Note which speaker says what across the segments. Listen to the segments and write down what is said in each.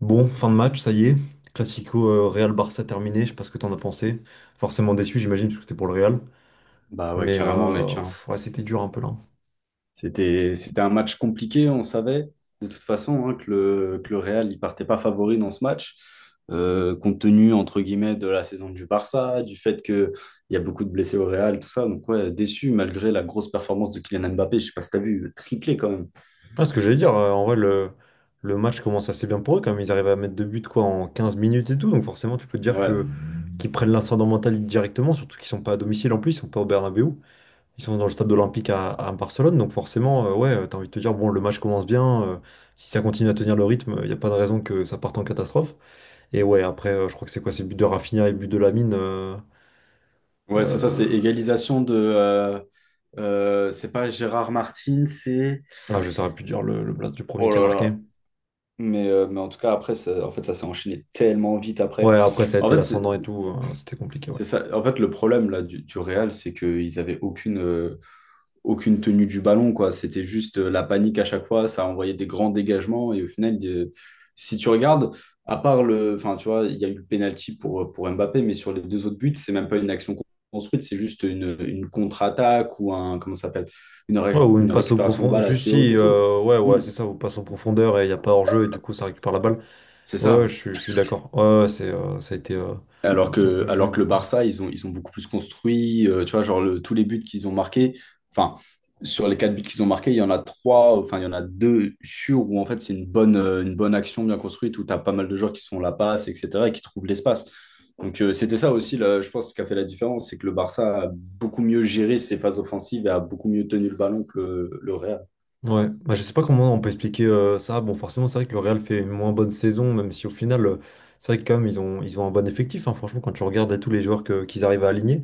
Speaker 1: Bon, fin de match, ça y est. Classico Real Barça terminé, je sais pas ce que t'en as pensé. Forcément déçu, j'imagine, parce que t'es pour le Real.
Speaker 2: Bah ouais,
Speaker 1: Mais
Speaker 2: carrément, mec, hein.
Speaker 1: ouais, c'était dur un peu là.
Speaker 2: C'était un match compliqué, on savait de toute façon hein, que le Real il partait pas favori dans ce match, compte tenu, entre guillemets, de la saison du Barça, du fait qu'il y a beaucoup de blessés au Real, tout ça. Donc ouais, déçu, malgré la grosse performance de Kylian Mbappé. Je sais pas si t'as vu, triplé quand même.
Speaker 1: Ah, ce que j'allais dire, en vrai, le match commence assez bien pour eux quand même. Ils arrivent à mettre deux buts quoi en 15 minutes et tout. Donc forcément, tu peux te dire
Speaker 2: Ouais,
Speaker 1: que qu'ils prennent l'incendie mental directement, surtout qu'ils sont pas à domicile en plus, ils sont pas au Bernabéu. Ils sont dans le stade olympique à Barcelone. Donc forcément, ouais, t'as envie de te dire, bon, le match commence bien. Si ça continue à tenir le rythme, il n'y a pas de raison que ça parte en catastrophe. Et ouais, après, je crois que c'est quoi? C'est but de Rafinha et but de Lamine.
Speaker 2: ouais, c'est ça, c'est
Speaker 1: Euh,
Speaker 2: égalisation de... c'est pas Gérard Martin, c'est...
Speaker 1: Ah, je saurais plus dire le blast du premier
Speaker 2: Oh
Speaker 1: qui a
Speaker 2: là
Speaker 1: marqué.
Speaker 2: là. Mais en tout cas, après, en fait, ça s'est enchaîné tellement vite après.
Speaker 1: Ouais, après, ça a
Speaker 2: En
Speaker 1: été
Speaker 2: fait, c'est-
Speaker 1: l'ascendant et tout. C'était compliqué, ouais.
Speaker 2: C'est ça. En fait, le problème là du Real, c'est qu'ils avaient aucune, aucune tenue du ballon, quoi. C'était juste la panique à chaque fois. Ça envoyait des grands dégagements et au final, si tu regardes, à part le, enfin, tu vois, il y a eu le penalty pour Mbappé, mais sur les deux autres buts, c'est même pas une action construite, c'est juste une contre-attaque ou un, comment ça s'appelle,
Speaker 1: Ouais, ou une
Speaker 2: une
Speaker 1: passe au
Speaker 2: récupération de
Speaker 1: profond.
Speaker 2: balle
Speaker 1: Juste
Speaker 2: assez haute
Speaker 1: si,
Speaker 2: et tout.
Speaker 1: ouais, ouais,
Speaker 2: Hmm.
Speaker 1: c'est ça, ou passe en profondeur et il n'y a pas hors-jeu et du coup, ça récupère la balle.
Speaker 2: C'est
Speaker 1: Ouais, ouais,
Speaker 2: ça.
Speaker 1: je suis d'accord. Ouais, ouais, c'est, ça a été.
Speaker 2: Alors
Speaker 1: Je sens que
Speaker 2: que,
Speaker 1: le jeu est
Speaker 2: alors que le
Speaker 1: beaucoup.
Speaker 2: Barça, ils ont beaucoup plus construit, tu vois, genre tous les buts qu'ils ont marqués, enfin, sur les quatre buts qu'ils ont marqués, il y en a trois, enfin, il y en a deux sûrs où en fait c'est une bonne action bien construite, où tu as pas mal de joueurs qui se font la passe, etc., et qui trouvent l'espace. Donc c'était ça aussi, là, je pense, ce qui a fait la différence, c'est que le Barça a beaucoup mieux géré ses phases offensives et a beaucoup mieux tenu le ballon que le Real.
Speaker 1: Ouais, bah, je sais pas comment on peut expliquer ça. Bon, forcément, c'est vrai que le Real fait une moins bonne saison, même si au final, c'est vrai que quand même, ils ont un bon effectif. Hein. Franchement, quand tu regardes à tous les joueurs qu'ils arrivent à aligner.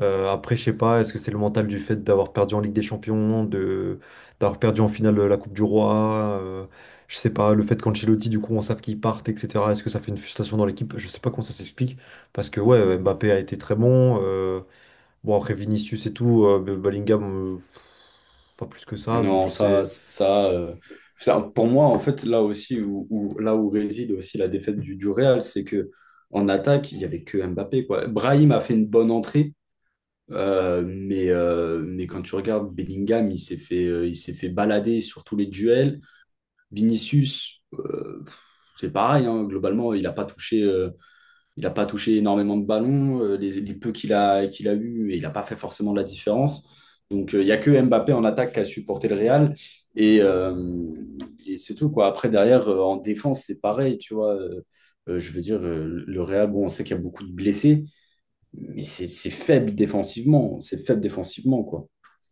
Speaker 1: Après, je sais pas, est-ce que c'est le mental du fait d'avoir perdu en Ligue des Champions, de d'avoir perdu en finale la Coupe du Roi, je sais pas, le fait qu'Ancelotti, du coup, on savent qu'il parte, etc. Est-ce que ça fait une frustration dans l'équipe? Je sais pas comment ça s'explique, parce que ouais, Mbappé a été très bon. Bon, après Vinicius et tout, Bellingham, pas plus que ça, donc
Speaker 2: Non,
Speaker 1: je
Speaker 2: ça,
Speaker 1: sais.
Speaker 2: ça, euh, ça, pour moi, en fait, là aussi, là où réside aussi la défaite du Real, c'est que en attaque, il n'y avait que Mbappé, quoi. Brahim a fait une bonne entrée, mais quand tu regardes Bellingham, il s'est fait balader sur tous les duels. Vinicius, c'est pareil, hein, globalement, il n'a pas touché, il n'a pas touché énormément de ballons, les peu qu'il a, qu'il a eu, et il n'a pas fait forcément de la différence. Donc, il n'y a que Mbappé en attaque qui a supporté le Real. Et, euh, et c'est tout, quoi. Après, derrière, en défense, c'est pareil, tu vois. Je veux dire, le Real, bon, on sait qu'il y a beaucoup de blessés, mais c'est faible défensivement. C'est faible défensivement, quoi.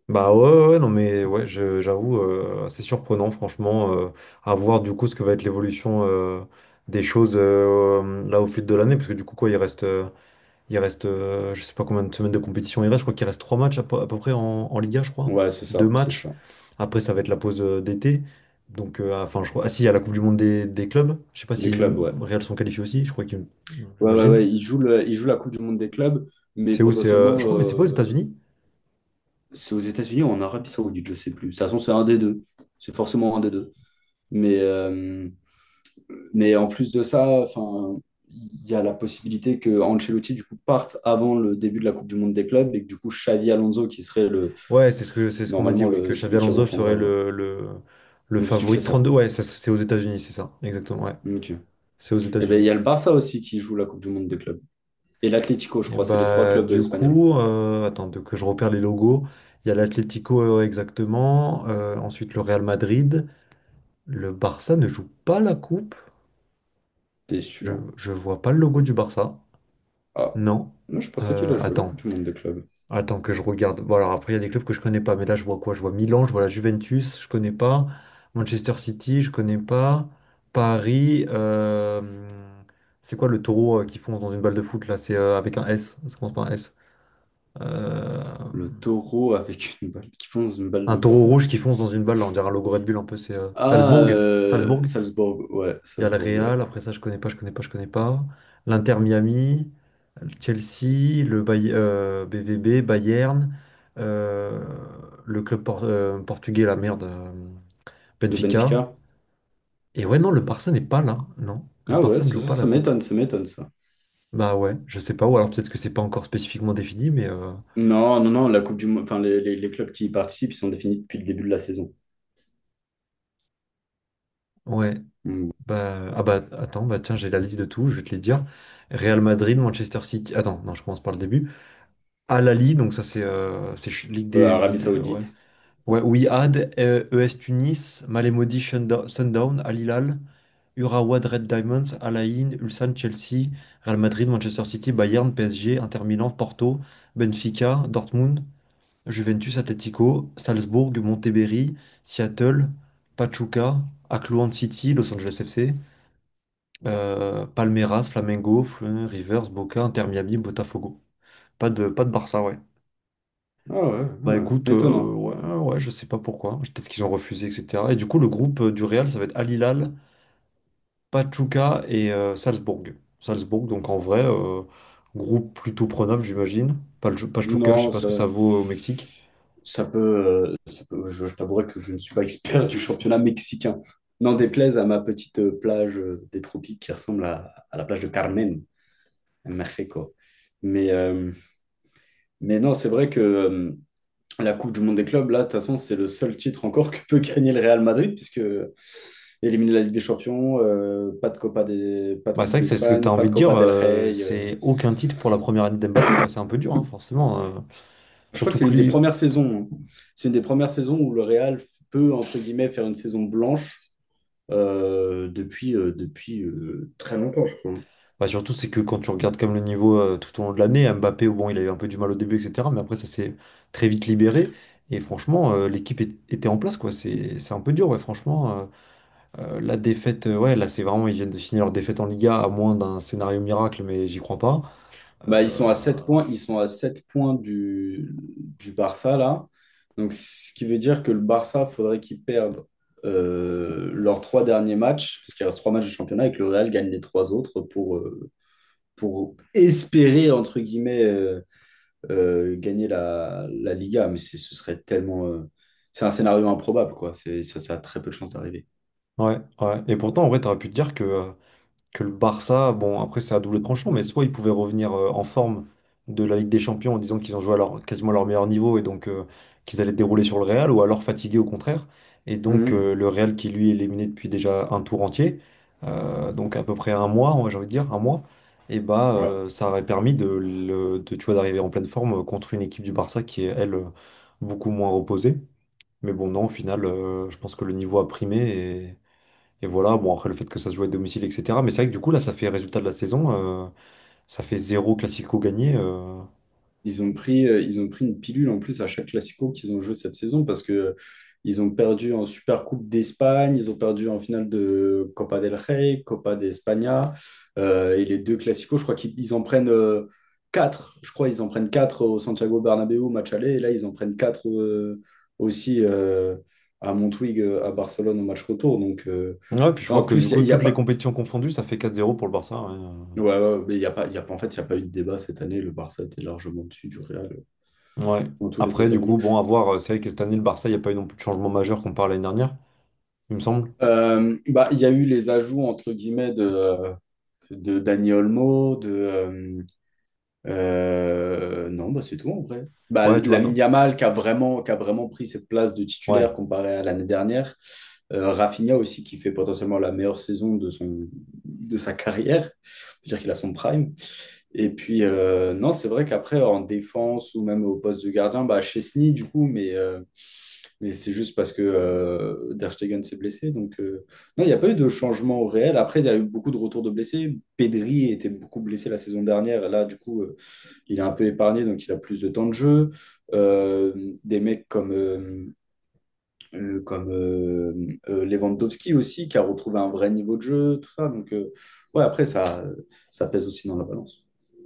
Speaker 1: Bah ouais, ouais, ouais, non mais ouais, j'avoue, c'est surprenant, franchement, à voir du coup ce que va être l'évolution des choses là au fil de l'année, parce que du coup, quoi, il reste. Il reste, je sais pas combien de semaines de compétition il reste. Je crois qu'il reste trois matchs à peu près en Liga, je crois.
Speaker 2: Ouais, c'est
Speaker 1: Deux
Speaker 2: ça, c'est
Speaker 1: matchs.
Speaker 2: ça.
Speaker 1: Après, ça va être la pause d'été. Donc, enfin, je crois. Ah si, il y a la Coupe du Monde des clubs. Je sais pas
Speaker 2: Des
Speaker 1: si
Speaker 2: clubs, ouais.
Speaker 1: Real sont qualifiés aussi. Je crois qu'ils,
Speaker 2: Ouais, ouais,
Speaker 1: j'imagine.
Speaker 2: ouais. Ils jouent la Coupe du Monde des clubs, mais
Speaker 1: C'est où? C'est,
Speaker 2: potentiellement,
Speaker 1: je crois, mais c'est pas aux États-Unis?
Speaker 2: c'est aux États-Unis ou en Arabie Saoudite, je sais plus. De toute façon, c'est un des deux. C'est forcément un des deux. Mais, euh, mais en plus de ça, enfin, il y a la possibilité que Ancelotti du coup parte avant le début de la Coupe du Monde des clubs et que du coup Xavi Alonso qui serait le
Speaker 1: Ouais, c'est ce qu'on m'a dit.
Speaker 2: normalement
Speaker 1: Ouais, que
Speaker 2: le,
Speaker 1: Xavi
Speaker 2: celui qui
Speaker 1: Alonso
Speaker 2: reprendra
Speaker 1: serait le
Speaker 2: le
Speaker 1: favori de
Speaker 2: successeur.
Speaker 1: 32. Ouais, ça, c'est aux États-Unis, c'est ça. Exactement. Ouais,
Speaker 2: Ok.
Speaker 1: c'est aux
Speaker 2: Et ben il y
Speaker 1: États-Unis.
Speaker 2: a le Barça aussi qui joue la Coupe du Monde des clubs et l'Atlético, je
Speaker 1: Et
Speaker 2: crois, c'est les trois
Speaker 1: bah,
Speaker 2: clubs
Speaker 1: du
Speaker 2: espagnols.
Speaker 1: coup, attends que je repère les logos. Il y a l'Atlético exactement, ensuite le Real Madrid. Le Barça ne joue pas la coupe.
Speaker 2: T'es
Speaker 1: Je,
Speaker 2: sûr?
Speaker 1: je vois pas le logo du Barça.
Speaker 2: Ah,
Speaker 1: Non.
Speaker 2: moi je pensais qu'il a
Speaker 1: Euh,
Speaker 2: joué la
Speaker 1: attends,
Speaker 2: Coupe du Monde des clubs.
Speaker 1: attends que je regarde. Bon, alors après, il y a des clubs que je connais pas, mais là, je vois quoi? Je vois Milan, je vois la Juventus, je connais pas. Manchester City, je connais pas. Paris, c'est quoi le taureau qui fonce dans une balle de foot là? C'est avec un S, ça commence par un S. Euh,
Speaker 2: Le taureau avec une balle qui fonce une balle
Speaker 1: Un
Speaker 2: de
Speaker 1: taureau
Speaker 2: foot.
Speaker 1: rouge qui fonce dans une balle, là, on dirait un logo Red Bull un peu, c'est
Speaker 2: Ah,
Speaker 1: Salzbourg. Salzbourg,
Speaker 2: Salzbourg, ouais,
Speaker 1: il y a le
Speaker 2: Salzbourg, ouais.
Speaker 1: Real, après ça je connais pas, je connais pas, je connais pas. L'Inter Miami, le Chelsea, BVB, Bayern, euh, portugais, la merde,
Speaker 2: Le
Speaker 1: Benfica.
Speaker 2: Benfica.
Speaker 1: Et ouais, non, le Barça n'est pas là, non. Le
Speaker 2: Ah ouais,
Speaker 1: Barça ne
Speaker 2: ça,
Speaker 1: joue
Speaker 2: ça
Speaker 1: pas
Speaker 2: ça
Speaker 1: la coupe.
Speaker 2: m'étonne, ça m'étonne, ça.
Speaker 1: Bah ouais, je sais pas, ou alors peut-être que c'est pas encore spécifiquement défini, mais
Speaker 2: Non, non, non, la Coupe du Monde, enfin, les clubs qui y participent, ils sont définis depuis le début de la saison.
Speaker 1: ouais.
Speaker 2: Mm.
Speaker 1: Bah, ah bah attends, bah tiens, j'ai la liste de tout, je vais te les dire. Real Madrid, Manchester City. Attends, non, je commence par le début. Al Ahly, donc ça c'est Ligue des.
Speaker 2: Arabie
Speaker 1: Ligue ouais.
Speaker 2: Saoudite.
Speaker 1: Ouais, Wihad, ES Tunis, Sundown, Al Hilal, Urawa Red Diamonds, Al Ain, Ulsan, Chelsea, Real Madrid, Manchester City, Bayern, PSG, Inter Milan, Porto, Benfica, Dortmund, Juventus, Atlético, Salzbourg, Monterrey, Seattle, Pachuca, Auckland City, Los Angeles FC. Palmeiras, Flamengo, Fluminense, Rivers, Boca, Inter Miami, Botafogo. Pas de Barça, ouais.
Speaker 2: Ah ouais,
Speaker 1: Bah
Speaker 2: ouais,
Speaker 1: écoute,
Speaker 2: ouais. Étonnant.
Speaker 1: ouais, ouais, je sais pas pourquoi. Peut-être qu'ils ont refusé, etc. Et du coup, le groupe du Real, ça va être Al Hilal, Pachuca et Salzbourg. Salzbourg, donc en vrai, groupe plutôt prenable, j'imagine. Pachuca, je sais
Speaker 2: Non,
Speaker 1: pas ce que ça vaut au Mexique.
Speaker 2: ça peut, ça je t'avouerai que je ne suis pas expert du championnat mexicain. N'en déplaise à ma petite plage des tropiques qui ressemble à la plage de Carmen, à Mexico. Mais, euh, mais non, c'est vrai que... la Coupe du Monde des clubs, là, de toute façon, c'est le seul titre encore que peut gagner le Real Madrid, puisque éliminer la Ligue des Champions, pas de Copa des, pas de
Speaker 1: Bah c'est
Speaker 2: Coupe
Speaker 1: vrai que c'est ce que t'as
Speaker 2: d'Espagne, pas
Speaker 1: envie
Speaker 2: de
Speaker 1: de dire,
Speaker 2: Copa del Rey.
Speaker 1: c'est aucun titre pour la première année d'Mbappé, quoi. C'est un peu dur, hein, forcément.
Speaker 2: Je crois que
Speaker 1: Surtout
Speaker 2: c'est
Speaker 1: que
Speaker 2: une des
Speaker 1: lui,
Speaker 2: premières saisons, hein. C'est une des premières saisons où le Real peut, entre guillemets, faire une saison blanche depuis, depuis très longtemps, je crois, hein.
Speaker 1: bah, surtout, c'est que quand tu regardes comme le niveau tout au long de l'année, Mbappé, bon, il a eu un peu du mal au début, etc. Mais après, ça s'est très vite libéré. Et franchement, l'équipe était en place, quoi. C'est un peu dur, ouais, franchement. La défaite, ouais, là, c'est vraiment, ils viennent de finir leur défaite en Liga, à moins d'un scénario miracle, mais j'y crois pas.
Speaker 2: Bah, ils sont
Speaker 1: Euh,
Speaker 2: à 7 points, ils sont à 7 points du Barça là. Donc, ce qui veut dire que le Barça, faudrait qu'ils perdent leurs trois derniers matchs, parce qu'il reste trois matchs de championnat, et que le Real gagne les trois autres pour espérer, entre guillemets, gagner la, la Liga, mais ce serait tellement. C'est un scénario improbable, quoi. C'est, ça a très peu de chances d'arriver.
Speaker 1: Ouais, ouais. Et pourtant, en vrai, t'aurais pu te dire que que le Barça, bon, après c'est à double tranchant, mais soit ils pouvaient revenir en forme de la Ligue des Champions en disant qu'ils ont joué à leur, quasiment à leur meilleur niveau et donc qu'ils allaient dérouler sur le Real, ou alors fatigués au contraire. Et donc
Speaker 2: Mhm.
Speaker 1: le Real qui lui est éliminé depuis déjà un tour entier, donc à peu près un mois, ouais, j'ai envie de dire, un mois, et bah
Speaker 2: Ouais.
Speaker 1: ça aurait permis de, tu vois, d'arriver en pleine forme contre une équipe du Barça qui est, elle, beaucoup moins reposée. Mais bon, non, au final, je pense que le niveau a primé et voilà, bon, après le fait que ça se joue à domicile, etc. Mais c'est vrai que du coup, là, ça fait résultat de la saison, ça fait zéro classico gagné.
Speaker 2: Ils ont pris une pilule en plus à chaque Classico qu'ils ont joué cette saison parce que ils ont perdu en supercoupe d'Espagne, ils ont perdu en finale de Copa del Rey, Copa de España et les deux Classicos, je crois qu'ils ils en prennent quatre. Je crois qu'ils en prennent 4 au Santiago Bernabéu au match aller et là ils en prennent 4 aussi à Montwig à Barcelone au match retour. Donc
Speaker 1: Ouais, puis je
Speaker 2: non,
Speaker 1: crois
Speaker 2: en
Speaker 1: que du
Speaker 2: plus
Speaker 1: coup,
Speaker 2: il y a
Speaker 1: toutes les
Speaker 2: pas.
Speaker 1: compétitions confondues, ça fait 4-0 pour le Barça. Ouais.
Speaker 2: Ouais, ouais, mais il y a pas, il y a pas, en fait, il y a pas eu de débat cette année. Le Barça était largement dessus du Real
Speaker 1: Ouais.
Speaker 2: dans tous les
Speaker 1: Après,
Speaker 2: secteurs
Speaker 1: du
Speaker 2: du
Speaker 1: coup,
Speaker 2: jeu.
Speaker 1: bon, à voir, c'est vrai que cette année, le Barça, il n'y a pas eu non plus de changement majeur comparé à l'année dernière, il me semble.
Speaker 2: Bah, il y a eu les ajouts entre guillemets de Dani Olmo, de non, bah, c'est tout en vrai. Bah,
Speaker 1: Ouais, tu vois,
Speaker 2: Lamine
Speaker 1: non.
Speaker 2: Yamal qui a vraiment pris cette place de
Speaker 1: Ouais.
Speaker 2: titulaire comparé à l'année dernière. Rafinha aussi qui fait potentiellement la meilleure saison de sa carrière. On peut dire qu'il a son prime. Et puis non, c'est vrai qu'après en défense ou même au poste de gardien, bah Chesney du coup, mais c'est juste parce que Der Stegen s'est blessé. Donc, non, il n'y a pas eu de changement au réel. Après, il y a eu beaucoup de retours de blessés. Pedri était beaucoup blessé la saison dernière. Et là, du coup, il est un peu épargné, donc il a plus de temps de jeu. Des mecs comme, euh, comme euh, Lewandowski aussi, qui a retrouvé un vrai niveau de jeu, tout ça. Donc, ouais, après, ça pèse aussi dans la balance.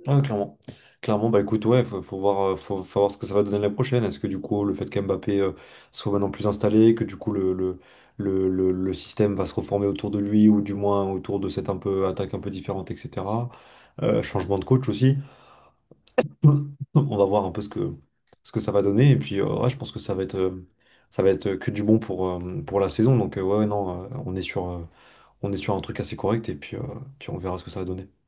Speaker 1: Ouais, clairement. Clairement, bah écoute, ouais, faut voir, faut voir ce que ça va donner la prochaine. Est-ce que du coup, le fait qu'Mbappé soit maintenant plus installé, que du coup, le système va se reformer autour de lui, ou du moins autour de cette un peu, attaque un peu différente, etc. Changement de coach aussi. On va voir un peu ce que ça va donner. Et puis, ouais, je pense que ça va être que du bon pour la saison. Donc, ouais, ouais, non, on est sur un truc assez correct. Et puis on verra ce que ça va donner.